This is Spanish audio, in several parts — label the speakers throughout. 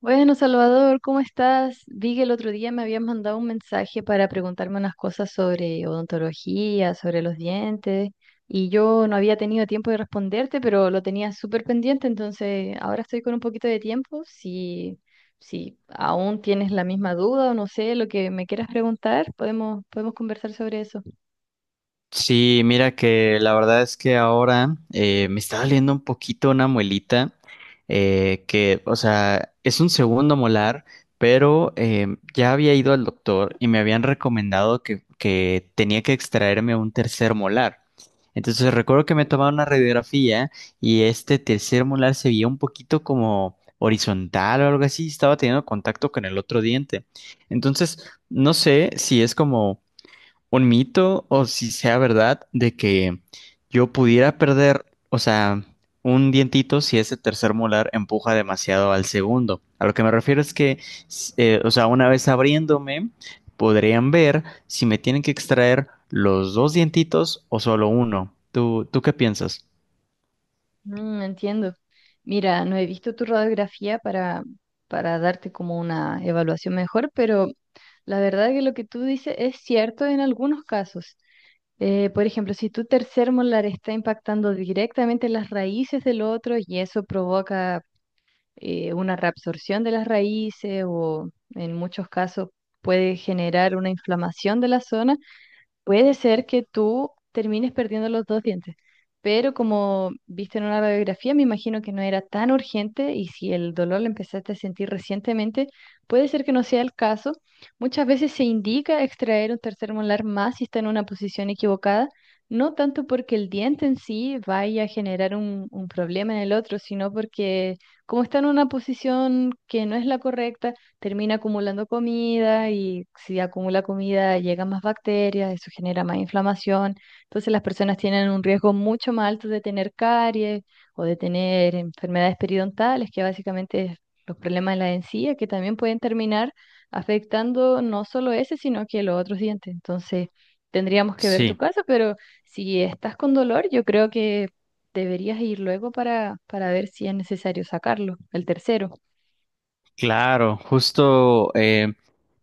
Speaker 1: Bueno, Salvador, ¿cómo estás? Vi que el otro día me habías mandado un mensaje para preguntarme unas cosas sobre odontología, sobre los dientes, y yo no había tenido tiempo de responderte, pero lo tenía súper pendiente, entonces ahora estoy con un poquito de tiempo. Si, si aún tienes la misma duda o no sé lo que me quieras preguntar, podemos conversar sobre eso.
Speaker 2: Sí, mira que la verdad es que ahora me está doliendo un poquito una muelita, es un segundo molar, pero ya había ido al doctor y me habían recomendado que tenía que extraerme un tercer molar. Entonces recuerdo que me tomaba una radiografía y este tercer molar se veía un poquito como horizontal o algo así, estaba teniendo contacto con el otro diente. Entonces, no sé si es como un mito o si sea verdad de que yo pudiera perder, o sea, un dientito si ese tercer molar empuja demasiado al segundo. A lo que me refiero es que, una vez abriéndome, podrían ver si me tienen que extraer los dos dientitos o solo uno. ¿¿Tú qué piensas?
Speaker 1: Mm, entiendo. Mira, no he visto tu radiografía para darte como una evaluación mejor, pero... La verdad que lo que tú dices es cierto en algunos casos. Por ejemplo, si tu tercer molar está impactando directamente las raíces del otro y eso provoca una reabsorción de las raíces o en muchos casos puede generar una inflamación de la zona. Puede ser que tú termines perdiendo los dos dientes, pero como viste en una radiografía, me imagino que no era tan urgente, y si el dolor lo empezaste a sentir recientemente, puede ser que no sea el caso. Muchas veces se indica extraer un tercer molar más si está en una posición equivocada, no tanto porque el diente en sí vaya a generar un problema en el otro, sino porque como está en una posición que no es la correcta, termina acumulando comida, y si acumula comida llegan más bacterias, eso genera más inflamación. Entonces las personas tienen un riesgo mucho más alto de tener caries o de tener enfermedades periodontales, que básicamente es los problemas de la encía, que también pueden terminar afectando no solo ese, sino que los otros dientes. Entonces tendríamos que ver tu
Speaker 2: Sí.
Speaker 1: caso, pero si estás con dolor, yo creo que deberías ir luego para ver si es necesario sacarlo, el tercero.
Speaker 2: Claro, justo,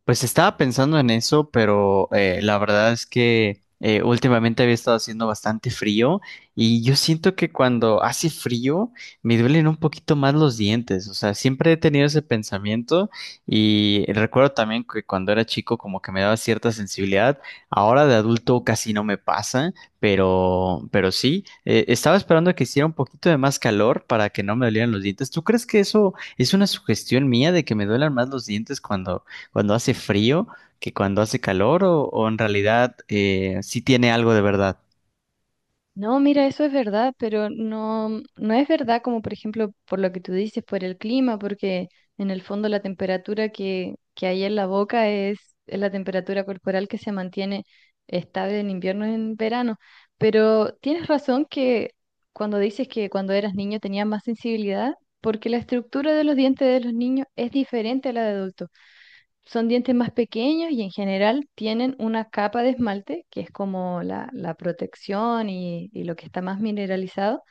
Speaker 2: pues estaba pensando en eso, pero la verdad es que últimamente había estado haciendo bastante frío y yo siento que cuando hace frío me duelen un poquito más los dientes, o sea, siempre he tenido ese pensamiento y recuerdo también que cuando era chico como que me daba cierta sensibilidad, ahora de adulto casi no me pasa, pero sí, estaba esperando que hiciera un poquito de más calor para que no me dolieran los dientes. ¿Tú crees que eso... es una sugestión mía de que me duelan más los dientes cuando hace frío que cuando hace calor o en realidad sí tiene algo de verdad?
Speaker 1: No, mira, eso es verdad, pero no, no es verdad como por ejemplo por lo que tú dices, por el clima, porque en el fondo la temperatura que hay en la boca es la temperatura corporal que se mantiene estable en invierno y en verano. Pero tienes razón que cuando dices que cuando eras niño tenías más sensibilidad, porque la estructura de los dientes de los niños es diferente a la de adultos. Son dientes más pequeños y en general tienen una capa de esmalte, que es como la protección y lo que está más mineralizado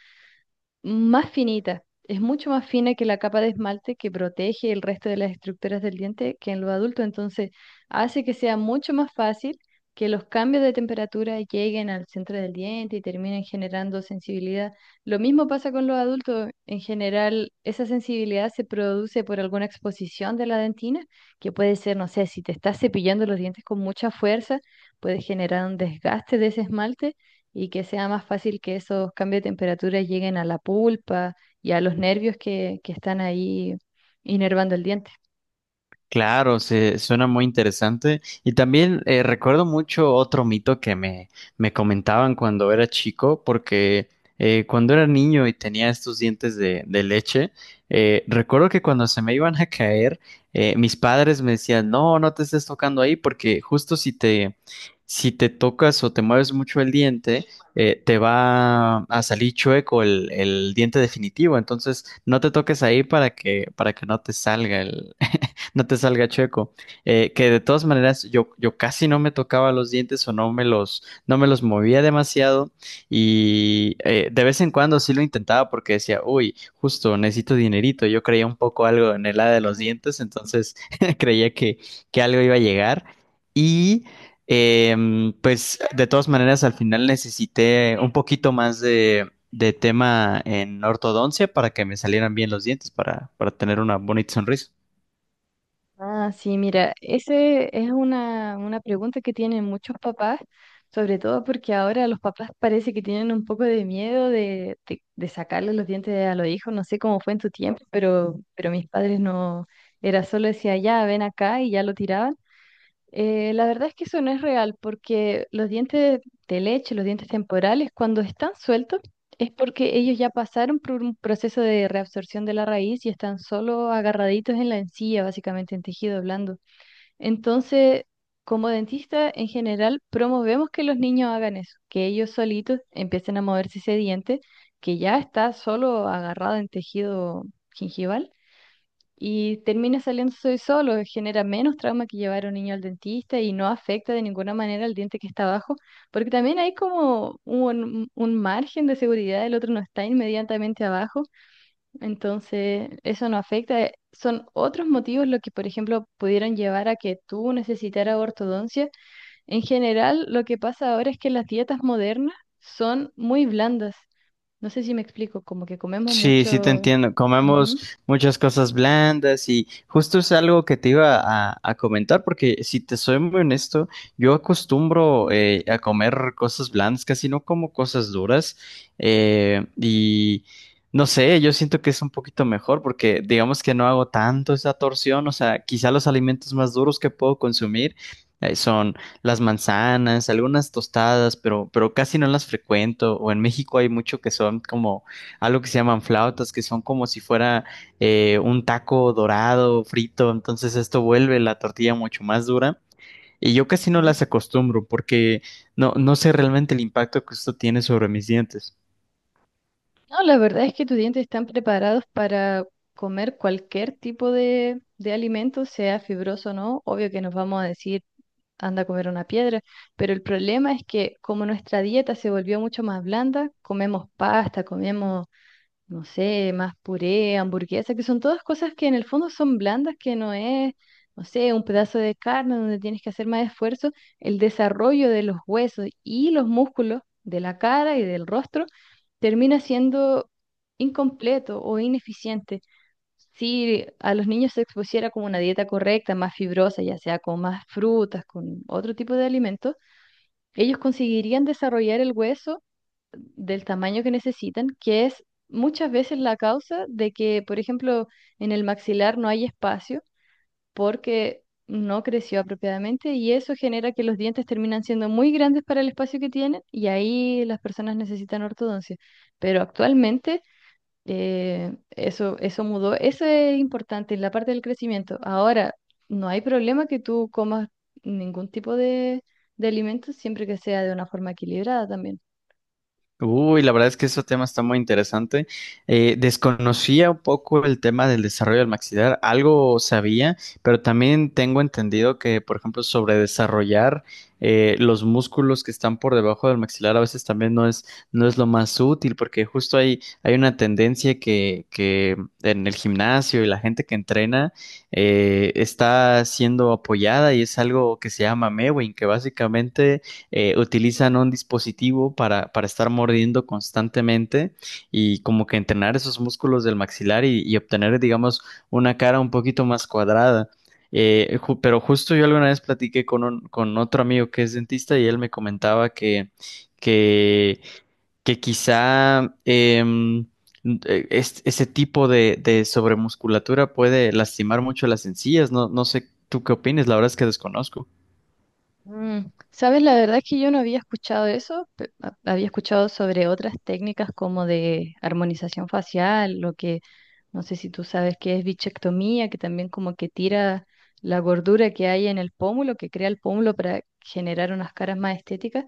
Speaker 1: más finita. Es mucho más fina que la capa de esmalte que protege el resto de las estructuras del diente que en los adultos. Entonces, hace que sea mucho más fácil que los cambios de temperatura lleguen al centro del diente y terminen generando sensibilidad. Lo mismo pasa con los adultos. En general, esa sensibilidad se produce por alguna exposición de la dentina, que puede ser, no sé, si te estás cepillando los dientes con mucha fuerza, puede generar un desgaste de ese esmalte, y que sea más fácil que esos cambios de temperatura lleguen a la pulpa y a los nervios que están ahí inervando el diente.
Speaker 2: Claro, se, suena muy interesante. Y también recuerdo mucho otro mito que me comentaban cuando era chico, porque cuando era niño y tenía estos dientes de leche, recuerdo que cuando se me iban a caer, mis padres me decían, no, no te estés tocando ahí, porque justo si te, si te tocas o te mueves mucho el diente, te va a salir chueco el diente definitivo. Entonces, no te toques ahí para que no te salga el no te salga chueco. Que de todas maneras yo, yo casi no me tocaba los dientes o no me los, no me los movía demasiado y de vez en cuando sí lo intentaba porque decía, uy, justo necesito dinerito. Yo creía un poco algo en el área de los
Speaker 1: Ujú.
Speaker 2: dientes, entonces creía que algo iba a llegar y... pues de todas maneras al final necesité un poquito más de tema en ortodoncia para que me salieran bien los dientes, para tener una bonita sonrisa.
Speaker 1: Ah, sí, mira, ese es una pregunta que tienen muchos papás, sobre todo porque ahora los papás parece que tienen un poco de miedo de sacarle los dientes a los hijos. No sé cómo fue en tu tiempo, pero mis padres no, era solo decía, ya, ven acá y ya lo tiraban. La verdad es que eso no es real porque los dientes de leche, los dientes temporales, cuando están sueltos, es porque ellos ya pasaron por un proceso de reabsorción de la raíz y están solo agarraditos en la encía, básicamente en tejido blando. Entonces, como dentista, en general, promovemos que los niños hagan eso, que ellos solitos empiecen a moverse ese diente que ya está solo agarrado en tejido gingival, y termina saliéndose solo, genera menos trauma que llevar a un niño al dentista y no afecta de ninguna manera al diente que está abajo, porque también hay como un margen de seguridad, el otro no está inmediatamente abajo, entonces eso no afecta. Son otros motivos lo que, por ejemplo, pudieron llevar a que tú necesitaras ortodoncia. En general, lo que pasa ahora es que las dietas modernas son muy blandas. No sé si me explico, como que comemos
Speaker 2: Sí, sí te
Speaker 1: mucho.
Speaker 2: entiendo. Comemos
Speaker 1: Ujú.
Speaker 2: muchas cosas blandas y justo es algo que te iba a comentar porque si te soy muy honesto, yo acostumbro a comer cosas blandas, casi no como cosas duras, y no sé, yo siento que es un poquito mejor porque digamos que no hago tanto esa torsión, o sea, quizá los alimentos más duros que puedo consumir son las manzanas, algunas tostadas, pero casi no las frecuento. O en México hay mucho que son como algo que se llaman flautas, que son como si fuera un taco dorado, frito, entonces esto vuelve la tortilla mucho más dura. Y yo casi no las acostumbro porque no, no sé realmente el impacto que esto tiene sobre mis dientes.
Speaker 1: No, la verdad es que tus dientes están preparados para comer cualquier tipo de alimento, sea fibroso o no. Obvio que nos vamos a decir, anda a comer una piedra, pero el problema es que como nuestra dieta se volvió mucho más blanda, comemos pasta, comemos no sé, más puré, hamburguesa, que son todas cosas que en el fondo son blandas, que no es, no sé, un pedazo de carne donde tienes que hacer más esfuerzo, el desarrollo de los huesos y los músculos de la cara y del rostro termina siendo incompleto o ineficiente. Si a los niños se expusiera como una dieta correcta, más fibrosa, ya sea con más frutas, con otro tipo de alimentos, ellos conseguirían desarrollar el hueso del tamaño que necesitan, que es muchas veces la causa de que, por ejemplo, en el maxilar no hay espacio porque no creció apropiadamente, y eso genera que los dientes terminan siendo muy grandes para el espacio que tienen y ahí las personas necesitan ortodoncia. Pero actualmente eso mudó, eso es importante en la parte del crecimiento. Ahora, no hay problema que tú comas ningún tipo de alimento siempre que sea de una forma equilibrada también.
Speaker 2: Uy, la verdad es que ese tema está muy interesante. Desconocía un poco el tema del desarrollo del maxilar, algo sabía, pero también tengo entendido que, por ejemplo, sobre desarrollar los músculos que están por debajo del maxilar a veces también no es, no es lo más útil, porque justo hay, hay una tendencia que en el gimnasio y la gente que entrena está siendo apoyada, y es algo que se llama mewing, que básicamente utilizan un dispositivo para estar mordiendo constantemente y como que entrenar esos músculos del maxilar y obtener, digamos, una cara un poquito más cuadrada. Pero justo yo alguna vez platiqué con otro amigo que es dentista y él me comentaba que, que quizá ese tipo de sobremusculatura puede lastimar mucho las encías. No, no sé tú qué opinas, la verdad es que desconozco.
Speaker 1: Mm, sabes, la verdad es que yo no había escuchado eso, había escuchado sobre otras técnicas como de armonización facial, lo que no sé si tú sabes que es bichectomía, que también como que tira la gordura que hay en el pómulo, que crea el pómulo para generar unas caras más estéticas,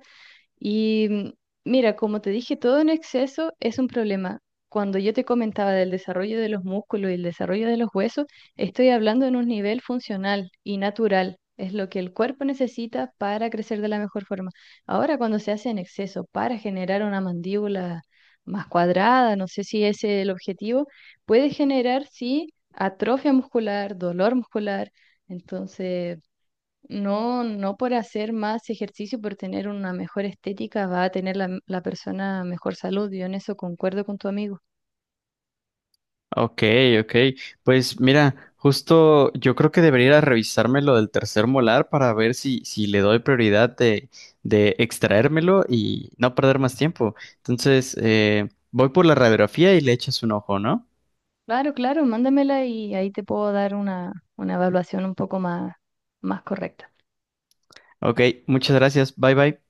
Speaker 1: y mira, como te dije, todo en exceso es un problema. Cuando yo te comentaba del desarrollo de los músculos y el desarrollo de los huesos, estoy hablando en un nivel funcional y natural. Es lo que el cuerpo necesita para crecer de la mejor forma. Ahora, cuando se hace en exceso para generar una mandíbula más cuadrada, no sé si ese es el objetivo, puede generar, sí, atrofia muscular, dolor muscular. Entonces... No, no por hacer más ejercicio, por tener una mejor estética, va a tener la persona mejor salud. Yo en eso concuerdo con tu amigo.
Speaker 2: Ok, ok. Pues mira, justo yo creo que debería ir a revisarme lo del tercer molar para ver si, si le doy prioridad de extraérmelo y no perder más tiempo. Entonces, voy por la radiografía y le echas un ojo, ¿no?
Speaker 1: Claro, claro, mándamela y ahí te puedo dar una evaluación un poco más, más correcta.
Speaker 2: Ok, muchas gracias. Bye bye.